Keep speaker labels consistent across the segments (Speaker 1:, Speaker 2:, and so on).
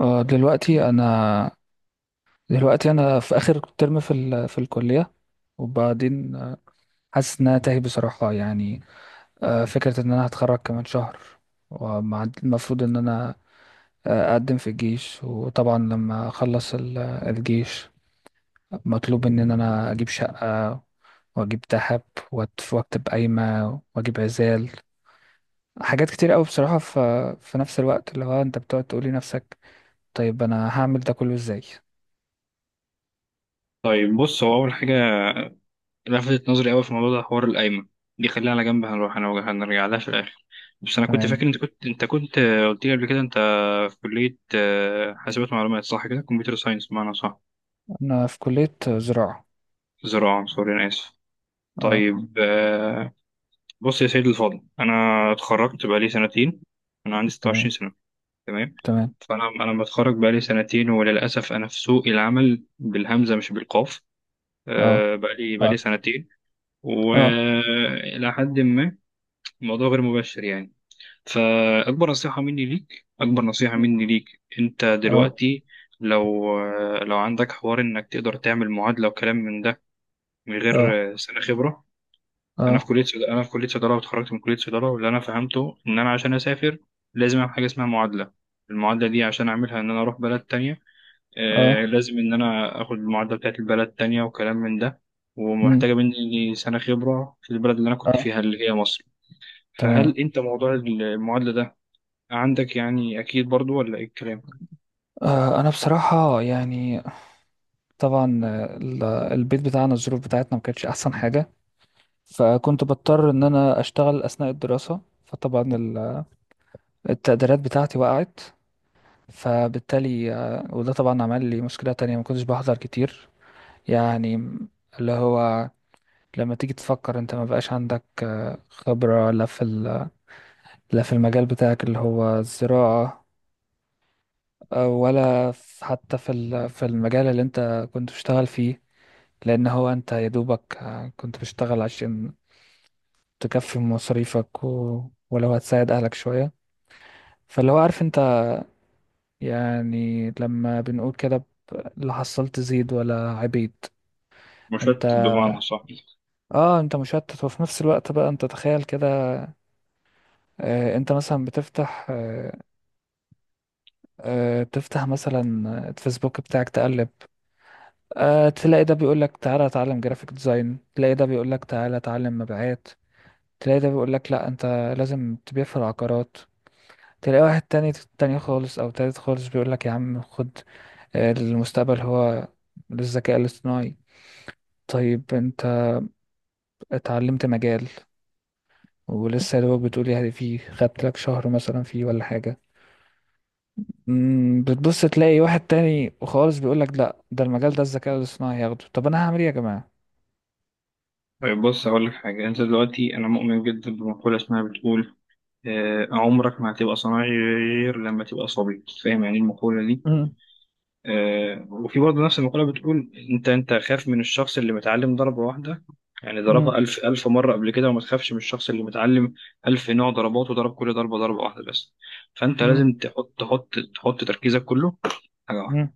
Speaker 1: دلوقتي انا في اخر ترم في الكليه. وبعدين حاسس ان انا تايه بصراحه، يعني. فكره ان انا هتخرج كمان شهر، والمفروض ان انا اقدم في الجيش. وطبعا لما اخلص الجيش مطلوب ان انا اجيب شقه، واجيب ذهب، واكتب قايمه، واجيب عزال. حاجات كتير قوي بصراحه، في نفس الوقت اللي هو انت بتقعد تقولي نفسك طيب انا هعمل ده كله ازاي؟
Speaker 2: طيب بص، هو أول حاجة لفتت نظري أوي في الموضوع ده حوار القايمة دي، خليها على جنب، هنروح هنرجع لها في الآخر. بس أنا كنت
Speaker 1: تمام.
Speaker 2: فاكر أنت كنت قلت لي قبل كده أنت في كلية حاسبات معلومات، صح كده؟ كمبيوتر ساينس بمعنى، صح؟
Speaker 1: أنا في كلية زراعة.
Speaker 2: زراعة، سوري أنا آسف.
Speaker 1: أه.
Speaker 2: طيب، بص يا سيدي الفاضل، أنا اتخرجت بقالي سنتين، أنا عندي 26
Speaker 1: تمام.
Speaker 2: سنة. تمام.
Speaker 1: تمام.
Speaker 2: فأنا متخرج بقالي سنتين، وللأسف أنا في سوق العمل بالهمزة مش بالقاف.
Speaker 1: أه.
Speaker 2: بقالي
Speaker 1: أه.
Speaker 2: سنتين،
Speaker 1: أه.
Speaker 2: وإلى حد ما الموضوع غير مباشر يعني. فأكبر نصيحة مني ليك، أنت
Speaker 1: أه.
Speaker 2: دلوقتي لو عندك حوار إنك تقدر تعمل معادلة وكلام من ده من
Speaker 1: أه.
Speaker 2: غير سنة خبرة، أنا في
Speaker 1: أه.
Speaker 2: كلية صيدلة، واتخرجت من كلية صيدلة، واللي أنا فهمته إن أنا عشان أسافر لازم أعمل حاجة اسمها معادلة. المعادلة دي عشان أعملها إن أنا أروح بلد تانية،
Speaker 1: أه.
Speaker 2: لازم إن أنا آخد المعادلة بتاعت البلد تانية وكلام من ده،
Speaker 1: أمم.
Speaker 2: ومحتاجة مني سنة خبرة في البلد اللي أنا كنت
Speaker 1: أه.
Speaker 2: فيها اللي هي مصر.
Speaker 1: تمام.
Speaker 2: فهل أنت موضوع المعادلة ده عندك يعني أكيد برضو ولا إيه الكلام؟
Speaker 1: أه، أنا بصراحة يعني طبعا البيت بتاعنا الظروف بتاعتنا ما كانتش أحسن حاجة. فكنت بضطر إن أنا أشتغل أثناء الدراسة. فطبعا التقديرات بتاعتي وقعت، فبالتالي وده طبعا عمل لي مشكلة تانية، ما كنتش بحضر كتير، يعني. اللي هو لما تيجي تفكر انت ما بقاش عندك خبرة، لا في المجال بتاعك اللي هو الزراعة، حتى في المجال اللي انت كنت بتشتغل فيه. لان هو انت يا دوبك كنت بتشتغل عشان تكفي مصاريفك ولو هتساعد اهلك شوية. فاللي هو عارف انت، يعني لما بنقول كده لا حصلت زيد ولا عبيد. انت،
Speaker 2: مشت بمعنى صح.
Speaker 1: اه، انت مشتت، وفي نفس الوقت بقى انت تخيل كده، انت مثلا بتفتح، تفتح مثلا الفيسبوك بتاعك تقلب، تلاقي ده بيقول لك تعالى اتعلم جرافيك ديزاين، تلاقي ده بيقول لك تعالى اتعلم مبيعات، تلاقي ده بيقول لك لا انت لازم تبيع في العقارات. تلاقي واحد تاني خالص او تالت خالص، بيقول لك يا عم خد، المستقبل هو للذكاء الاصطناعي. طيب انت اتعلمت مجال ولسه يا دوبك بتقول يعني فيه خدت لك شهر مثلا فيه ولا حاجة. مم، بتبص تلاقي واحد تاني خالص بيقول لك لا ده المجال ده الذكاء الاصطناعي هياخده، طب انا هعمل ايه يا جماعة؟
Speaker 2: طيب بص، هقول لك حاجة. أنت دلوقتي، أنا مؤمن جدا بمقولة اسمها بتقول عمرك ما هتبقى صناعي غير لما تبقى صبي. فاهم يعني إيه المقولة دي؟
Speaker 1: مم.
Speaker 2: وفي برضه نفس المقولة بتقول، انت خاف من الشخص اللي متعلم ضربة واحدة يعني ضربها
Speaker 1: مم.
Speaker 2: ألف مرة قبل كده، وما تخافش من الشخص اللي متعلم ألف نوع ضربات وضرب كل ضربة ضربة واحدة بس. فأنت
Speaker 1: مم.
Speaker 2: لازم تحط تركيزك كله
Speaker 1: مم.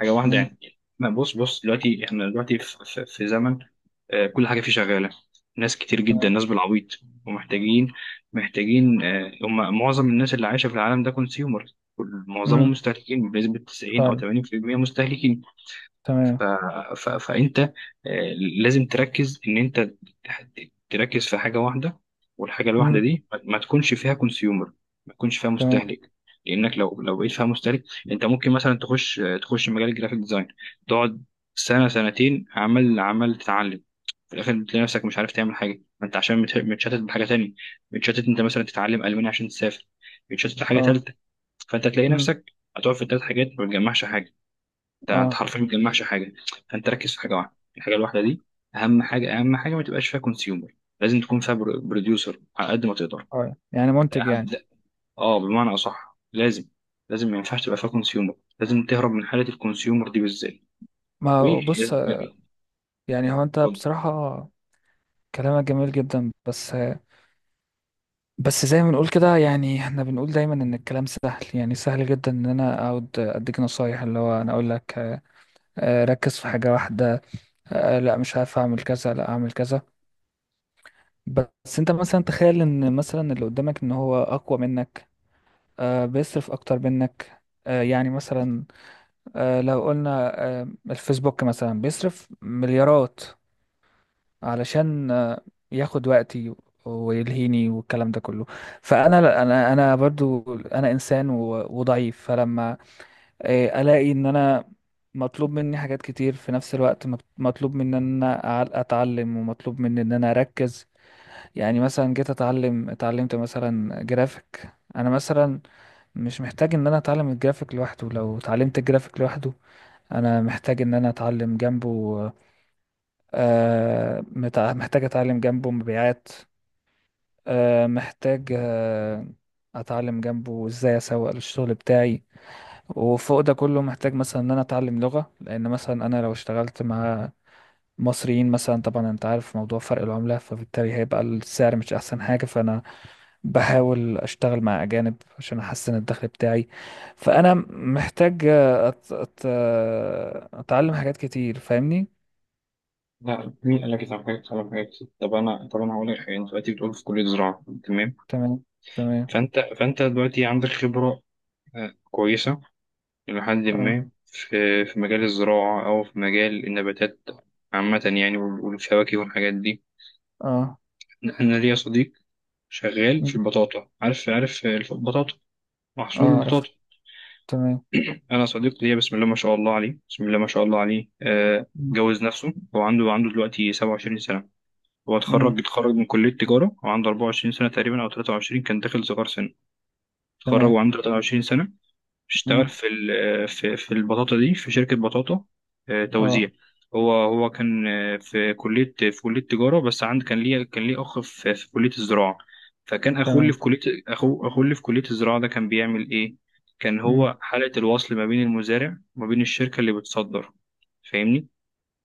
Speaker 2: حاجه واحده
Speaker 1: مم.
Speaker 2: يعني. ما بص دلوقتي، احنا دلوقتي في، في زمن كل حاجه فيه شغاله، ناس كتير جدا،
Speaker 1: تمام.
Speaker 2: ناس بالعبيط، ومحتاجين، هم معظم الناس اللي عايشه في العالم ده كونسيومر، معظمهم
Speaker 1: مم.
Speaker 2: مستهلكين بنسبه 90 او
Speaker 1: فعلا.
Speaker 2: 80%، مستهلكين. ف...
Speaker 1: تمام.
Speaker 2: فانت لازم تركز ان انت تح- تركز في حاجه واحده، والحاجه الواحده
Speaker 1: مم.
Speaker 2: دي ما تكونش فيها كونسيومر، ما تكونش فيها
Speaker 1: تمام.
Speaker 2: مستهلك. لانك لو بقيت فيها مستهلك، انت ممكن مثلا تخش مجال الجرافيك ديزاين، تقعد سنه سنتين عمال تتعلم، في الاخر بتلاقي نفسك مش عارف تعمل حاجه، ما انت عشان متشتت بحاجه تانية، متشتت انت مثلا تتعلم الماني عشان تسافر، متشتت في حاجه
Speaker 1: اه.
Speaker 2: تالته. فانت تلاقي
Speaker 1: مم.
Speaker 2: نفسك هتقعد في ثلاث حاجات ما بتجمعش حاجه، ده انت
Speaker 1: اه.
Speaker 2: حرفيا ما بتجمعش حاجه. فانت ركز في حاجه واحده، الحاجه الواحده دي اهم حاجه، ما تبقاش فيها كونسيومر، لازم تكون فيها بروديوسر على قد ما تقدر.
Speaker 1: اه، يعني منتج،
Speaker 2: اهم
Speaker 1: يعني.
Speaker 2: ده. اه، بمعنى اصح لازم، ما ينفعش تبقى فيها كونسيومر، لازم تهرب من حاله الكونسيومر دي بالذات.
Speaker 1: ما هو
Speaker 2: وي،
Speaker 1: بص،
Speaker 2: لا،
Speaker 1: يعني هو انت
Speaker 2: اتفضل.
Speaker 1: بصراحة كلامك جميل جدا، بس بس زي ما بنقول كده يعني، احنا بنقول دايما ان الكلام سهل، يعني سهل جدا ان انا اقعد اديك نصايح اللي هو انا اقول لك ركز في حاجة واحدة، لا مش عارف اعمل كذا لا اعمل كذا. بس انت مثلا تخيل ان مثلا اللي قدامك ان هو اقوى منك، بيصرف اكتر منك، يعني مثلا لو قلنا الفيسبوك مثلا بيصرف مليارات علشان ياخد وقتي ويلهيني والكلام ده كله. فانا لا، انا برضو انا انسان وضعيف، فلما الاقي ان انا مطلوب مني حاجات كتير في نفس الوقت، مطلوب مني ان انا اتعلم، ومطلوب مني ان انا اركز. يعني مثلا جيت اتعلمت مثلا جرافيك، انا مثلا مش محتاج ان انا اتعلم الجرافيك لوحده. لو اتعلمت الجرافيك لوحده انا محتاج ان انا اتعلم جنبه، محتاج اتعلم جنبه مبيعات، محتاج اتعلم جنبه ازاي اسوق للشغل بتاعي. وفوق ده كله محتاج مثلا ان انا اتعلم لغة، لان مثلا انا لو اشتغلت مع مصريين مثلا، طبعا انت عارف موضوع فرق العملة، فبالتالي هيبقى السعر مش احسن حاجة، فانا بحاول اشتغل مع اجانب عشان احسن الدخل بتاعي. فانا محتاج اتعلم حاجات كتير، فاهمني.
Speaker 2: لا، مين قال لك يتعمل حاجات على حاجات كتير؟ طب انا هقول لك حاجه. انت دلوقتي بتقول في كليه زراعه، تمام.
Speaker 1: تمام. تمام.
Speaker 2: فانت دلوقتي عندك خبره كويسه إلى حد
Speaker 1: اه.
Speaker 2: ما في مجال الزراعة أو في مجال النباتات عامة يعني، والفواكه والحاجات دي.
Speaker 1: اه.
Speaker 2: أنا ليا صديق شغال في
Speaker 1: مم.
Speaker 2: البطاطا، عارف؟ البطاطا محصول
Speaker 1: اه، عارف.
Speaker 2: البطاطا.
Speaker 1: تمام.
Speaker 2: أنا صديق ليا بسم الله ما شاء الله عليه،
Speaker 1: مم.
Speaker 2: جوز نفسه، هو عنده دلوقتي 27 سنة. هو
Speaker 1: مم.
Speaker 2: اتخرج من كلية تجارة وعنده 24 سنة تقريبا أو 23، كان داخل صغار سن، اتخرج
Speaker 1: تمام.
Speaker 2: وعنده 23 سنة. اشتغل
Speaker 1: مم.
Speaker 2: في في البطاطا دي في شركة بطاطا توزيع.
Speaker 1: اه.
Speaker 2: هو كان في كلية تجارة بس كان ليه أخ في كلية الزراعة. فكان أخوه اللي في
Speaker 1: تمام.
Speaker 2: كلية، أخوه اللي في كلية الزراعة ده كان بيعمل إيه؟ كان
Speaker 1: مم.
Speaker 2: هو حلقة الوصل ما بين المزارع وما بين الشركة اللي بتصدر. فاهمني؟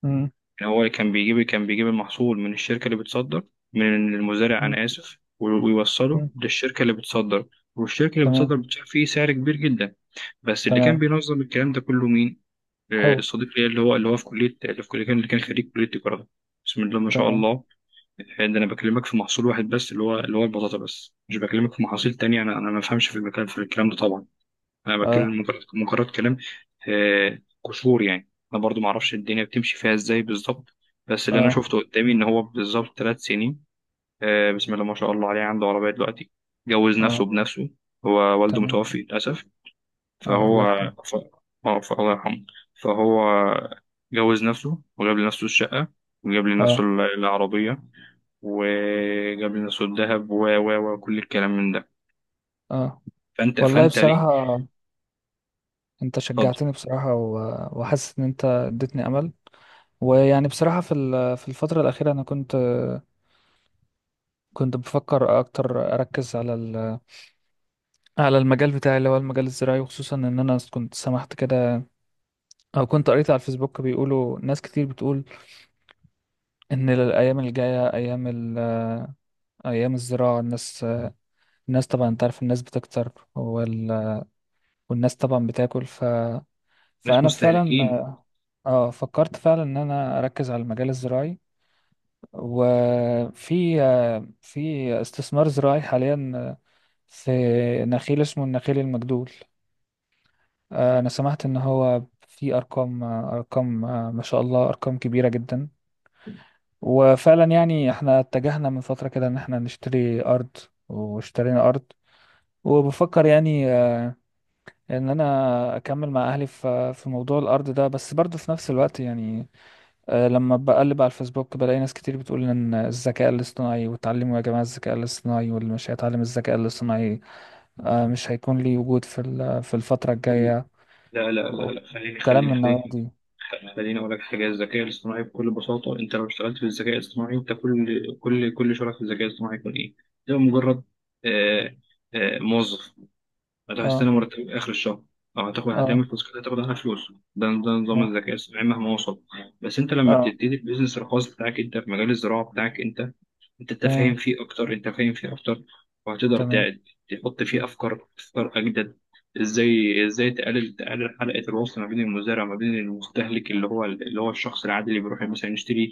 Speaker 1: مم.
Speaker 2: يعني هو كان بيجيب المحصول من الشركة اللي بتصدر، من المزارع
Speaker 1: مم.
Speaker 2: أنا آسف، ويوصله
Speaker 1: مم.
Speaker 2: للشركة اللي بتصدر. والشركة اللي بتصدر
Speaker 1: تمام.
Speaker 2: بتدفع فيه سعر كبير جدا. بس اللي كان
Speaker 1: تمام.
Speaker 2: بينظم الكلام ده كله مين؟
Speaker 1: هو.
Speaker 2: الصديق ليا، اللي هو في كلية، اللي كان خريج كلية تجارة ده. بسم الله ما شاء
Speaker 1: تمام.
Speaker 2: الله. ده أنا بكلمك في محصول واحد بس اللي هو البطاطا بس، مش بكلمك في محاصيل تانية، أنا ما بفهمش في المكان في الكلام ده طبعا، أنا
Speaker 1: اه.
Speaker 2: بتكلم مجرد كلام قشور يعني، أنا برضو ما أعرفش الدنيا بتمشي فيها إزاي بالظبط. بس اللي أنا
Speaker 1: اه.
Speaker 2: شفته قدامي إن هو بالظبط 3 سنين بسم الله ما شاء الله عليه، عنده عربية دلوقتي، جوز نفسه
Speaker 1: اه.
Speaker 2: بنفسه. هو والده
Speaker 1: تمام.
Speaker 2: متوفي للأسف.
Speaker 1: اه،
Speaker 2: فهو،
Speaker 1: الله يرحمه.
Speaker 2: ف... اه، الله يرحمه. فهو جوز نفسه وجاب لنفسه الشقة، وجاب لنفسه
Speaker 1: اه.
Speaker 2: العربية، وجاب لنفسه الذهب و و وكل الكلام من ده.
Speaker 1: اه، والله
Speaker 2: فأنت ليه؟
Speaker 1: بصراحة انت
Speaker 2: اتفضل.
Speaker 1: شجعتني بصراحة وحاسس ان انت اديتني امل. ويعني بصراحة في الفترة الأخيرة أنا كنت بفكر أكتر أركز على المجال بتاعي اللي هو المجال الزراعي. وخصوصا إن أنا كنت سمحت كده، أو كنت قريت على الفيسبوك بيقولوا ناس كتير بتقول إن الأيام الجاية أيام الزراعة. الناس طبعا أنت عارف، الناس بتكتر، والناس طبعا بتاكل،
Speaker 2: ناس
Speaker 1: فأنا فعلا.
Speaker 2: مستهلكين.
Speaker 1: اه، فكرت فعلا ان انا اركز على المجال الزراعي، وفي في استثمار زراعي حاليا في نخيل اسمه النخيل المجدول. أنا سمعت إن هو في أرقام، أرقام، ما شاء الله أرقام كبيرة جدا. وفعلا يعني احنا اتجهنا من فترة كده إن احنا نشتري أرض، واشترينا أرض. وبفكر يعني إن أنا أكمل مع أهلي في موضوع الأرض ده. بس برضه في نفس الوقت يعني لما بقلب على الفيسبوك بلاقي ناس كتير بتقول إن الذكاء الاصطناعي، وتعلموا يا جماعة الذكاء الاصطناعي، واللي مش هيتعلم الذكاء الاصطناعي مش هيكون ليه وجود في الفترة الجاية،
Speaker 2: لا،
Speaker 1: كلام من النوعية
Speaker 2: خليني،
Speaker 1: دي.
Speaker 2: خليني أقول لك حاجة. الذكاء الاصطناعي بكل بساطة، أنت لو اشتغلت في الذكاء الاصطناعي، أنت كل، شغلك في الذكاء الاصطناعي يكون إيه؟ ده مجرد آه، موظف. أنت هتستنى
Speaker 1: اه.
Speaker 2: مرتب آخر الشهر، أو
Speaker 1: اه.
Speaker 2: هتعمل فلوس كده هتاخد عنها فلوس. ده نظام
Speaker 1: اه.
Speaker 2: الذكاء الصناعي مهما وصل. بس أنت لما
Speaker 1: اه.
Speaker 2: تبتدي البيزنس الخاص بتاعك أنت في مجال الزراعة بتاعك، أنت تفهم
Speaker 1: تمام.
Speaker 2: فيه أكتر، أنت فاهم فيه أكتر، وهتقدر
Speaker 1: تمام.
Speaker 2: تحط فيه أفكار أجدد. إزاي تقلل حلقة الوصل ما بين المزارع وما بين المستهلك اللي هو الشخص العادي اللي بيروح مثلا يشتري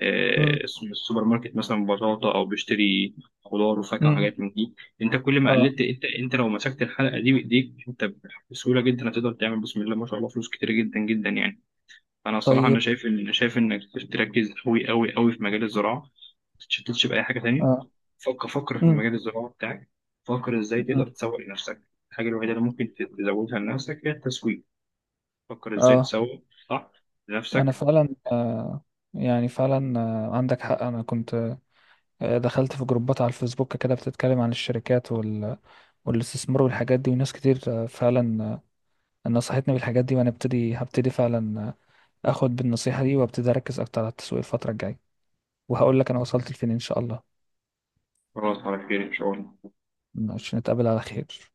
Speaker 1: امم.
Speaker 2: من السوبر ماركت مثلا بطاطا أو بيشتري خضار وفاكهة
Speaker 1: امم.
Speaker 2: وحاجات من دي. انت كل ما
Speaker 1: اه.
Speaker 2: قللت، انت لو مسكت الحلقه دي بايديك انت، بسهوله جدا هتقدر تعمل بسم الله ما شاء الله فلوس كتير جدا يعني انا الصراحه انا
Speaker 1: طيب.
Speaker 2: شايف ان، انا شايف انك تركز قوي في مجال الزراعه، ما تتشتتش باي حاجه تانية.
Speaker 1: اه.
Speaker 2: فكر، في
Speaker 1: امم.
Speaker 2: مجال الزراعه بتاعك، فكر ازاي
Speaker 1: امم.
Speaker 2: تقدر تسوق لنفسك. الحاجه الوحيده اللي ممكن تزودها لنفسك هي التسويق. فكر ازاي
Speaker 1: اه،
Speaker 2: تسوق صح
Speaker 1: انا
Speaker 2: لنفسك.
Speaker 1: فعلا يعني فعلا عندك حق. انا كنت دخلت في جروبات على الفيسبوك كده بتتكلم عن الشركات والاستثمار والحاجات دي، وناس كتير فعلا نصحتني بالحاجات دي. وانا ابتدي هبتدي فعلا اخد بالنصيحة دي، وابتدي اركز اكتر على التسويق الفترة الجاية، وهقول لك انا وصلت لفين ان شاء الله.
Speaker 2: خلاص، على خير ان شاء الله.
Speaker 1: ماشي، نتقابل على خير.